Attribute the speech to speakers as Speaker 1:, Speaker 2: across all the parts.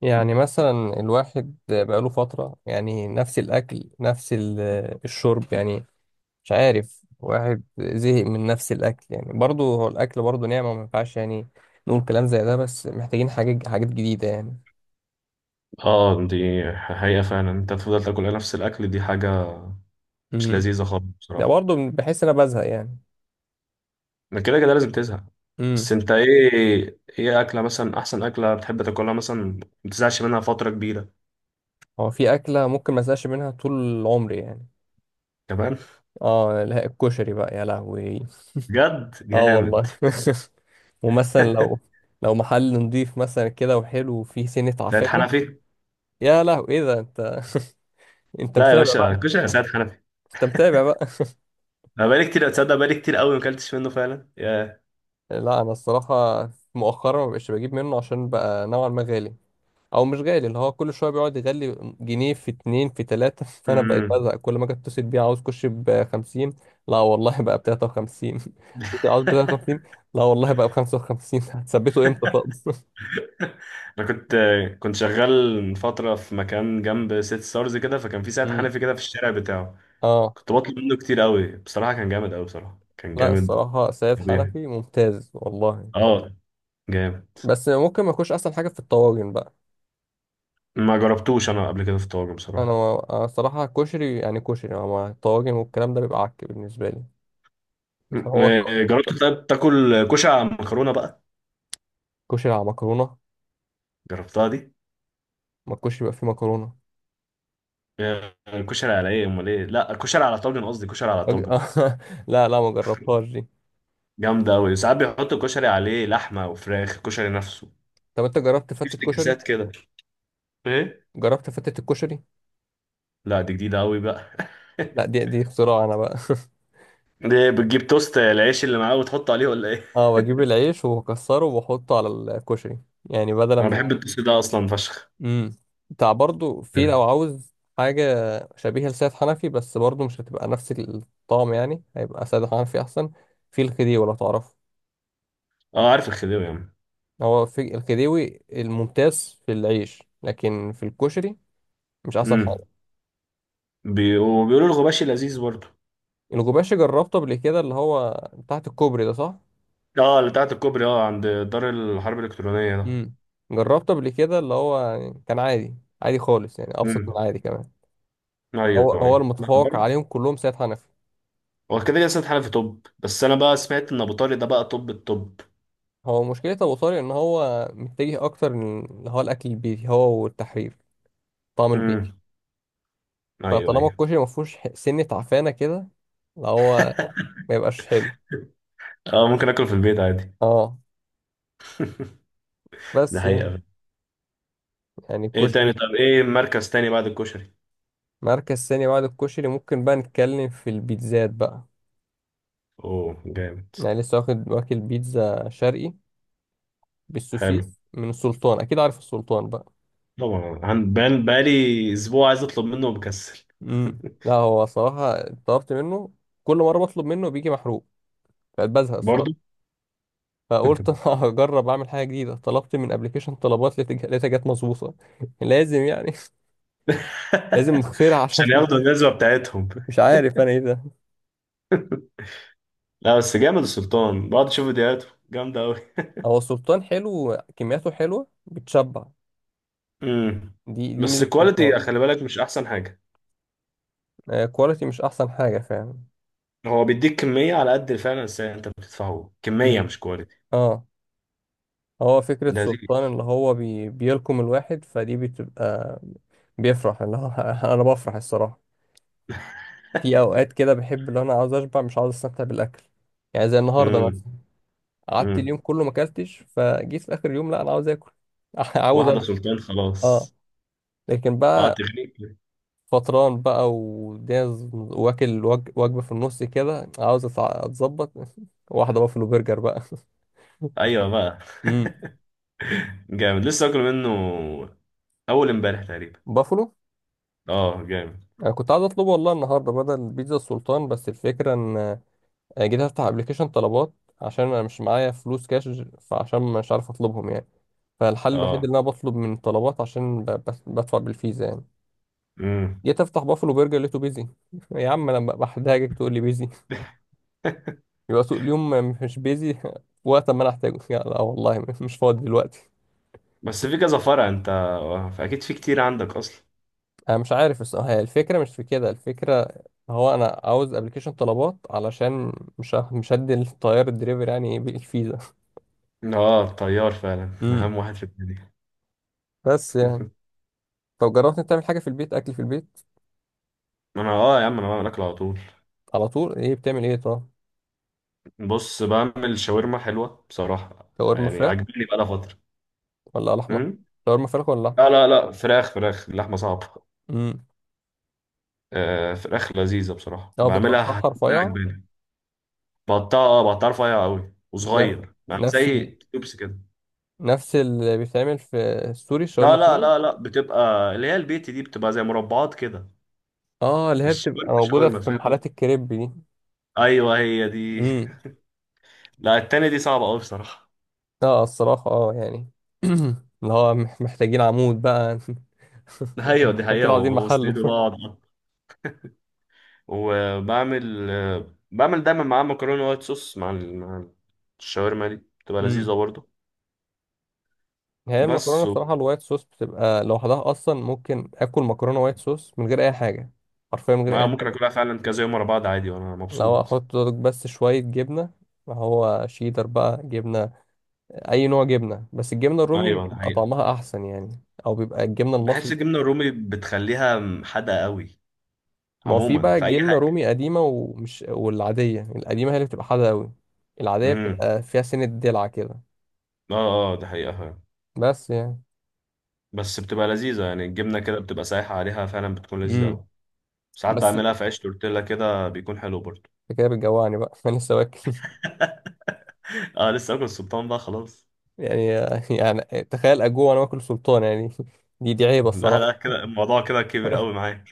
Speaker 1: يعني مثلا الواحد بقاله فترة يعني نفس الأكل نفس الشرب يعني. مش عارف، واحد زهق من نفس الأكل يعني، برضه هو الأكل برضه نعمة، ما ينفعش يعني نقول كلام زي ده، بس محتاجين حاجات جديدة يعني.
Speaker 2: اه، دي حقيقة فعلا. انت تفضل تاكل نفس الاكل، دي حاجة مش
Speaker 1: امم
Speaker 2: لذيذة خالص
Speaker 1: ده
Speaker 2: بصراحة.
Speaker 1: برضه بحس إن أنا بزهق يعني.
Speaker 2: من كده كده لازم تزهق. بس
Speaker 1: امم
Speaker 2: انت ايه اكلة مثلا، احسن اكلة بتحب تاكلها مثلا ما تزهقش منها فترة كبيرة؟
Speaker 1: هو في أكلة ممكن ما أزهقش منها طول عمري يعني.
Speaker 2: كمان؟
Speaker 1: اه لا، الكشري بقى يا لهوي.
Speaker 2: بجد
Speaker 1: اه والله.
Speaker 2: جامد.
Speaker 1: ومثلا لو لو محل نضيف مثلا كده وحلو وفيه سنة
Speaker 2: سيد
Speaker 1: عفانة.
Speaker 2: حنفي.
Speaker 1: يا لهوي، ايه ده انت؟ انت
Speaker 2: لا يا
Speaker 1: متابع
Speaker 2: باشا،
Speaker 1: بقى؟
Speaker 2: كشري يا سيد حنفي.
Speaker 1: انت متابع بقى؟
Speaker 2: انا بقالي كتير، اتصدق بقالي كتير قوي ما اكلتش منه فعلا يا...
Speaker 1: لا، انا الصراحه مؤخرا ما بقتش بجيب منه عشان بقى نوعا ما غالي. او مش غالي، اللي هو كل شويه بيقعد يغلي، جنيه في اتنين في تلاته. فانا بقيت
Speaker 2: امم.
Speaker 1: بزهق كل ما اجي اتصل بيه، عاوز كوش ب 50. لا والله، بقى ب 53. عاوز ب 53. لا والله، بقى ب 55. هتثبته امتى طب؟
Speaker 2: انا كنت شغال من فترة في مكان جنب سيت ستارز كده، فكان في سيد
Speaker 1: امم
Speaker 2: حنفي كده في الشارع بتاعه.
Speaker 1: اه
Speaker 2: كنت بطلب منه كتير قوي بصراحة، كان جامد قوي بصراحة، كان
Speaker 1: لا،
Speaker 2: جامد.
Speaker 1: الصراحه سيد
Speaker 2: طبيعي.
Speaker 1: حنفي ممتاز والله.
Speaker 2: اه، جامد.
Speaker 1: بس ممكن ما يكونش احسن حاجه في الطواجن بقى.
Speaker 2: ما جربتوش انا قبل كده في الطواجن بصراحة.
Speaker 1: انا الصراحه كشري يعني، كشري مع الطواجن والكلام ده بيبقى عك بالنسبه لي. هو
Speaker 2: جربت. طيب تاكل كشري مكرونة بقى؟
Speaker 1: كشري على مكرونه؟
Speaker 2: جربتها دي؟
Speaker 1: ما الكشري يبقى فيه مكرونه.
Speaker 2: يا الكشري على ايه امال؟ ايه؟ لا، الكشري على طاجن، قصدي كشري على
Speaker 1: أج-
Speaker 2: طاجن.
Speaker 1: لا لا، ما جربتهاش دي.
Speaker 2: جامدة قوي، ساعات بيحطوا الكشري عليه لحمة وفراخ، الكشري نفسه
Speaker 1: طب انت جربت
Speaker 2: في
Speaker 1: فتة كشري؟
Speaker 2: افتكاسات كده. ايه.
Speaker 1: جربت فتة الكشري؟
Speaker 2: لا، دي جديدة قوي بقى.
Speaker 1: لا، دي اختراع انا بقى.
Speaker 2: دي بتجيب توست العيش اللي معاه وتحطه عليه ولا ايه؟
Speaker 1: اه، بجيب العيش وبكسره وبحطه على الكشري، يعني بدل
Speaker 2: انا
Speaker 1: ما…
Speaker 2: بحب التوست ده اصلا فشخ.
Speaker 1: امم بتاع برضو في لو عاوز حاجه شبيهه لسيد حنفي، بس برضو مش هتبقى نفس الطعم، يعني هيبقى سيد حنفي احسن. في الخديوي لو تعرفه.
Speaker 2: اه عارف الخديوي يا عم.
Speaker 1: هو في الخديوي الممتاز في العيش، لكن في الكشري مش احسن حاجه.
Speaker 2: امم. وبيقولوا الغباشي لذيذ برضه.
Speaker 1: الجوباشي جربته قبل كده، اللي هو تحت الكوبري ده، صح؟
Speaker 2: اه، اللي بتاعت الكوبري، اه، عند دار الحرب الالكترونيه ده.
Speaker 1: امم جربته قبل كده، اللي هو يعني كان عادي، عادي خالص، يعني ابسط من
Speaker 2: امم.
Speaker 1: العادي كمان.
Speaker 2: ايوه
Speaker 1: هو هو
Speaker 2: ايوه، لا
Speaker 1: المتفوق
Speaker 2: برضه.
Speaker 1: عليهم كلهم سيد حنفي.
Speaker 2: هو كده كده سيد حنفي توب، بس انا بقى سمعت ان ابو طارق ده بقى توب التوب.
Speaker 1: هو مشكله ابو طارق ان هو متجه اكتر اللي هو الاكل البيتي، هو والتحرير، طعم البيتي.
Speaker 2: امم. ايوه
Speaker 1: فطالما
Speaker 2: ايوه.
Speaker 1: الكشري ما فيهوش سنه تعفانه كده، اللي هو ما يبقاش حلو.
Speaker 2: اه، ممكن اكله في البيت عادي.
Speaker 1: اه،
Speaker 2: ده
Speaker 1: بس يعني
Speaker 2: حقيقه.
Speaker 1: يعني
Speaker 2: ايه تاني؟
Speaker 1: الكشري…
Speaker 2: طب ايه مركز تاني بعد الكشري؟
Speaker 1: مركز ثاني بعد الكشري ممكن بقى نتكلم في البيتزات بقى.
Speaker 2: اوه جامد.
Speaker 1: يعني لسه واخد واكل بيتزا شرقي
Speaker 2: حلو.
Speaker 1: بالسوسيس من السلطان، اكيد عارف السلطان بقى.
Speaker 2: طبعا بقالي اسبوع عايز اطلب منه ومكسل.
Speaker 1: امم لا، هو صراحة طلبت منه، كل مرة بطلب منه بيجي محروق، فبزهق
Speaker 2: برضه.
Speaker 1: الصراحة. فقلت أنا هجرب اعمل حاجة جديدة، طلبت من ابلكيشن طلبات، لقيت لقيتها جت مظبوطة. لازم يعني. لازم نخترع عشان…
Speaker 2: عشان ياخدوا الجزوه بتاعتهم.
Speaker 1: مش عارف انا ايه ده.
Speaker 2: لا، بس جامد السلطان، بقعد اشوف فيديوهاته جامده قوي.
Speaker 1: هو السلطان حلو، كمياته حلوة بتشبع.
Speaker 2: امم.
Speaker 1: دي
Speaker 2: بس
Speaker 1: ميزة
Speaker 2: الكواليتي
Speaker 1: السلطان.
Speaker 2: خلي بالك مش احسن حاجه.
Speaker 1: آه، كواليتي مش احسن حاجة فعلا.
Speaker 2: هو بيديك كميه على قد فعلا، بس انت بتدفعه كميه
Speaker 1: مم.
Speaker 2: مش كواليتي.
Speaker 1: اه. هو فكرة
Speaker 2: لذيذ.
Speaker 1: سلطان اللي هو بيلكم الواحد، فدي بتبقى بيفرح، اللي هو انا بفرح الصراحة. في اوقات كده بحب اللي انا عاوز اشبع، مش عاوز استمتع بالاكل، يعني زي النهاردة
Speaker 2: امم.
Speaker 1: مثلا. قعدت
Speaker 2: امم.
Speaker 1: اليوم كله ما اكلتش، فجيت في اخر اليوم، لا انا عاوز اكل. عاوز
Speaker 2: واحده
Speaker 1: اشبع.
Speaker 2: سلطان
Speaker 1: اه،
Speaker 2: خلاص.
Speaker 1: لكن
Speaker 2: اه
Speaker 1: بقى
Speaker 2: تغنيك.
Speaker 1: فطران بقى والدنيا واكل وجبة في النص كده، عاوز اتظبط. واحدة بافلو برجر بقى.
Speaker 2: ايوه بقى.
Speaker 1: امم
Speaker 2: جامد، لسه اكل منه اول امبارح تقريبا.
Speaker 1: بافلو.
Speaker 2: اه جامد.
Speaker 1: انا كنت عايز اطلبه والله النهارده بدل بيتزا السلطان، بس الفكره ان آه، جيت افتح ابلكيشن طلبات عشان انا مش معايا فلوس كاش، فعشان مش عارف اطلبهم يعني. فالحل الوحيد
Speaker 2: اه.
Speaker 1: اللي انا بطلب من طلبات عشان بدفع بالفيزا يعني.
Speaker 2: امم.
Speaker 1: جيت افتح بافلو برجر لقيته بيزي. يا عم انا بحتاجك تقول لي بيزي، يبقى سوق اليوم. مش بيزي وقت ما انا احتاجه؟ لا لا والله، مش فاضي دلوقتي.
Speaker 2: بس في كذا فرع انت، اكيد في كتير عندك اصلا.
Speaker 1: انا مش عارف الصراحه، هي الفكره مش في كده الفكره. هو انا عاوز ابلكيشن طلبات علشان مش هدي الطيار الدليفري يعني إيه بالفيزا.
Speaker 2: اه، الطيار فعلا
Speaker 1: امم
Speaker 2: اهم واحد في الدنيا.
Speaker 1: بس يعني… طب جربت انت تعمل حاجه في البيت، اكل في البيت؟
Speaker 2: ما انا اه يا عم انا بعمل اكل على طول.
Speaker 1: على طول ايه بتعمل، ايه طب؟
Speaker 2: بص، بعمل شاورما حلوه بصراحه،
Speaker 1: شاورما
Speaker 2: يعني
Speaker 1: فراخ
Speaker 2: عاجبني بقالها فتره.
Speaker 1: ولا على احمر؟
Speaker 2: امم.
Speaker 1: شاورما فراخ ولا
Speaker 2: لا
Speaker 1: لحمه؟
Speaker 2: لا لا، فراخ فراخ، اللحمه صعبه.
Speaker 1: امم
Speaker 2: آه، فراخ لذيذه بصراحه
Speaker 1: اه،
Speaker 2: بعملها.
Speaker 1: بتقطعها رفيع؟
Speaker 2: عجباني. بقطعها، اه بقطعها رفيع قوي
Speaker 1: ن-
Speaker 2: وصغير، يعني
Speaker 1: نفس
Speaker 2: زي توبس كده.
Speaker 1: نفس اللي بيتعمل في السوري، الشاورما
Speaker 2: لا لا
Speaker 1: السوري؟
Speaker 2: لا لا، بتبقى اللي هي البيت دي بتبقى زي مربعات كده.
Speaker 1: اه، اللي هي
Speaker 2: مش
Speaker 1: بتبقى
Speaker 2: شاورما
Speaker 1: موجوده
Speaker 2: شاورما،
Speaker 1: في
Speaker 2: فاهم قصدي؟
Speaker 1: محلات الكريب دي.
Speaker 2: ايوه هي دي.
Speaker 1: امم
Speaker 2: لا، التانية دي صعبه قوي بصراحه.
Speaker 1: اه الصراحه، اه يعني اللي هو محتاجين عمود بقى.
Speaker 2: ايوه، دي
Speaker 1: احنا
Speaker 2: حقيقه
Speaker 1: كده عاوزين محل.
Speaker 2: واسنده بقى. وبعمل آه، بعمل دايما معاه مكرونة وايت صوص مع مع الشاورما، دي بتبقى لذيذة
Speaker 1: امم
Speaker 2: برضه.
Speaker 1: هي المكرونه
Speaker 2: بس و...
Speaker 1: بصراحه الوايت صوص بتبقى لوحدها اصلا، ممكن اكل مكرونه وايت صوص من غير اي حاجه، حرفيا من غير
Speaker 2: آه،
Speaker 1: اي
Speaker 2: ممكن
Speaker 1: حاجه.
Speaker 2: اكلها فعلا كذا يوم ورا بعض عادي وانا
Speaker 1: لو
Speaker 2: مبسوط.
Speaker 1: احط بس شويه جبنه، ما هو شيدر بقى جبنه، اي نوع جبنه، بس الجبنه الرومي
Speaker 2: ايوه
Speaker 1: بتبقى
Speaker 2: الحقيقة.
Speaker 1: طعمها احسن يعني، او بيبقى الجبنه
Speaker 2: بحس
Speaker 1: المصري.
Speaker 2: الجبنة الرومي بتخليها حادقة قوي.
Speaker 1: ما هو في
Speaker 2: عموما
Speaker 1: بقى
Speaker 2: في اي
Speaker 1: الجبنه
Speaker 2: حاجة.
Speaker 1: رومي قديمه ومش… والعاديه القديمه هي اللي بتبقى حادقه قوي. العاديه
Speaker 2: امم.
Speaker 1: بتبقى فيها سنه دلع كده.
Speaker 2: اه اه، ده حقيقة فعلا.
Speaker 1: بس يعني…
Speaker 2: بس بتبقى لذيذة يعني، الجبنة كده بتبقى سايحة عليها فعلا، بتكون لذيذة
Speaker 1: امم
Speaker 2: قوي. ساعات
Speaker 1: بس
Speaker 2: بعملها في عيش تورتيلا كده، بيكون حلو برضه.
Speaker 1: انت كده بتجوعني بقى. انا لسه واكل
Speaker 2: اه لسه اكل السلطان بقى خلاص.
Speaker 1: يعني. يعني تخيل اجوع وانا باكل سلطان يعني. دي عيبه
Speaker 2: لا
Speaker 1: الصراحه.
Speaker 2: لا، كده الموضوع كده كبر قوي معايا.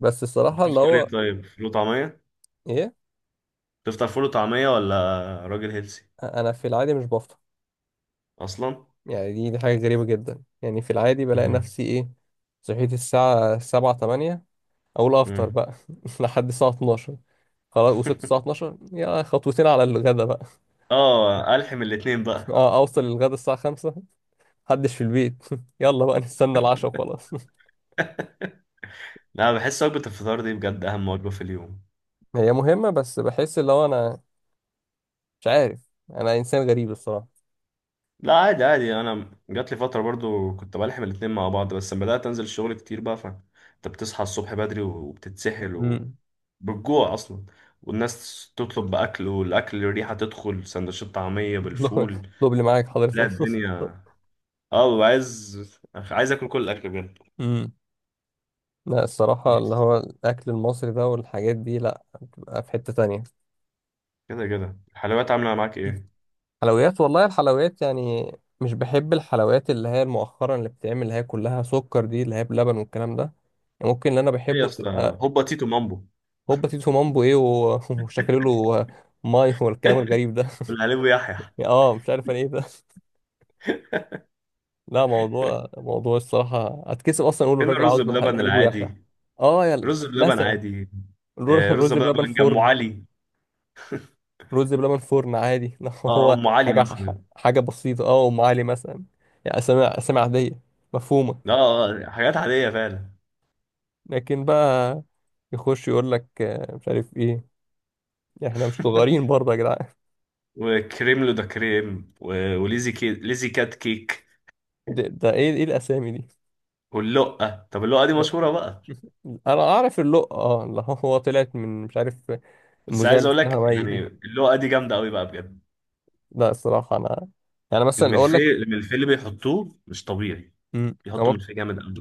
Speaker 1: بس الصراحه اللي
Speaker 2: بتفطر ايه؟
Speaker 1: هو
Speaker 2: طيب فول وطعمية؟
Speaker 1: ايه…
Speaker 2: تفطر فول وطعمية ولا؟ راجل هيلسي
Speaker 1: انا في العادي مش بفطر.
Speaker 2: اصلا.
Speaker 1: يعني دي حاجه غريبه جدا، يعني في العادي بلاقي
Speaker 2: مم.
Speaker 1: نفسي ايه، صحيت الساعه 7 8، اقول افطر
Speaker 2: مم.
Speaker 1: بقى. لحد الساعه 12، خلاص وصلت الساعه 12، يا خطوتين على الغدا بقى.
Speaker 2: اه، الحم الاتنين بقى.
Speaker 1: اه، اوصل للغدا الساعه 5، محدش في البيت. يلا بقى نستنى العشاء وخلاص.
Speaker 2: لا بحس وجبة الفطار دي بجد اهم وجبة في اليوم.
Speaker 1: هي مهمه، بس بحس اللي هو انا مش عارف، انا انسان غريب.
Speaker 2: لا عادي عادي، انا جات لي فترة برضو كنت بلحم الاتنين مع بعض، بس لما بدأت انزل الشغل كتير بقى، فانت بتصحى الصبح بدري وبتتسحل
Speaker 1: الصراحه
Speaker 2: وبالجوع اصلا، والناس تطلب بأكل والأكل الريحة تدخل سندوتشات طعمية بالفول.
Speaker 1: دبل معاك
Speaker 2: لا
Speaker 1: حضرتك.
Speaker 2: الدنيا. اه، ببقى عايز اكل كل الاكل.
Speaker 1: امم لا الصراحة
Speaker 2: بجد.
Speaker 1: اللي هو الأكل المصري ده والحاجات دي، لا بتبقى في حتة تانية.
Speaker 2: كده كده الحلويات عامله معاك ايه؟
Speaker 1: حلويات، والله الحلويات يعني مش بحب الحلويات اللي هي مؤخرا اللي بتتعمل، اللي هي كلها سكر دي، اللي هي بلبن والكلام ده. يعني ممكن اللي أنا
Speaker 2: ايه يا
Speaker 1: بحبه
Speaker 2: اسطى،
Speaker 1: تبقى…
Speaker 2: هوبا تيتو مامبو؟
Speaker 1: هوبا تيتو مامبو إيه وشكله له ماي والكلام الغريب ده؟
Speaker 2: والحليب يحيى.
Speaker 1: اه، مش عارف انا ايه ده. لا، موضوع الصراحة اتكسف اصلا اقول
Speaker 2: فين
Speaker 1: الراجل
Speaker 2: الرز
Speaker 1: عاوز
Speaker 2: بلبن
Speaker 1: لحليب ويحيى.
Speaker 2: العادي؟
Speaker 1: اه يا
Speaker 2: رز بلبن
Speaker 1: مثلا
Speaker 2: عادي. آه، رز
Speaker 1: الرز بلبن
Speaker 2: بلبن ام
Speaker 1: فرن،
Speaker 2: علي.
Speaker 1: رز بلبن فرن عادي. لو
Speaker 2: اه
Speaker 1: هو
Speaker 2: ام علي
Speaker 1: حاجة،
Speaker 2: مثلا.
Speaker 1: حاجة بسيطة، اه أم علي مثلا. يعني أسامي عادية،
Speaker 2: اه،
Speaker 1: مفهومة.
Speaker 2: حاجات عاديه فعلا.
Speaker 1: لكن بقى يخش يقول لك آه، مش عارف إيه، إحنا مش صغيرين برضه يا جدعان.
Speaker 2: وكريم لو ده كريم، ليزي كات كيك.
Speaker 1: ده إيه؟ إيه الأسامي دي؟
Speaker 2: واللقه. طب اللقه دي
Speaker 1: لأ.
Speaker 2: مشهوره بقى.
Speaker 1: أنا أعرف اللقة، اه اللي هو طلعت من مش عارف،
Speaker 2: بس
Speaker 1: المذيعة
Speaker 2: عايز
Speaker 1: اللي
Speaker 2: اقول
Speaker 1: اسمها
Speaker 2: لك
Speaker 1: مي
Speaker 2: يعني
Speaker 1: دي.
Speaker 2: اللقه دي جامده قوي بقى بجد.
Speaker 1: لا الصراحة أنا يعني مثلا أقول لك…
Speaker 2: الملفيه اللي بيحطوه مش طبيعي،
Speaker 1: مم، هو
Speaker 2: بيحطوا
Speaker 1: ممكن…
Speaker 2: ملفيه جامد قوي.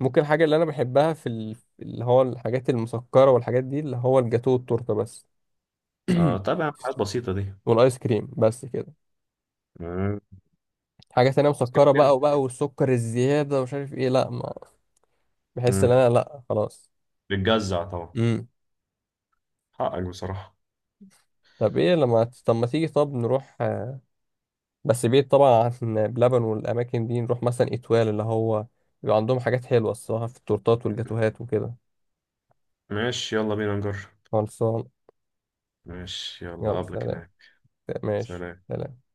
Speaker 1: ممكن الحاجة اللي أنا بحبها في اللي هو الحاجات المسكرة والحاجات دي، اللي هو الجاتو والتورتة بس.
Speaker 2: اه طبعا، حاجات بسيطه دي.
Speaker 1: والايس كريم، بس كده.
Speaker 2: آه.
Speaker 1: حاجه تانية مسكره
Speaker 2: سكرتير.
Speaker 1: بقى وبقى، والسكر الزياده ومش عارف ايه، لا ما بحس ان
Speaker 2: مم.
Speaker 1: انا، لا خلاص.
Speaker 2: بتجزع طبعا.
Speaker 1: امم
Speaker 2: حقك بصراحة.
Speaker 1: طب ايه لما… طب ما تيجي طب نروح آه، بس بعيد طبعا عن بلبن والاماكن دي، نروح مثلا اتوال اللي هو بيبقى عندهم حاجات حلوه الصراحه في التورتات والجاتوهات وكده.
Speaker 2: ماشي يلا بينا نجرب.
Speaker 1: خلصان.
Speaker 2: ماشي يلا،
Speaker 1: يلا
Speaker 2: قبلك
Speaker 1: سلام.
Speaker 2: هناك.
Speaker 1: ماشي
Speaker 2: سلام.
Speaker 1: سلام.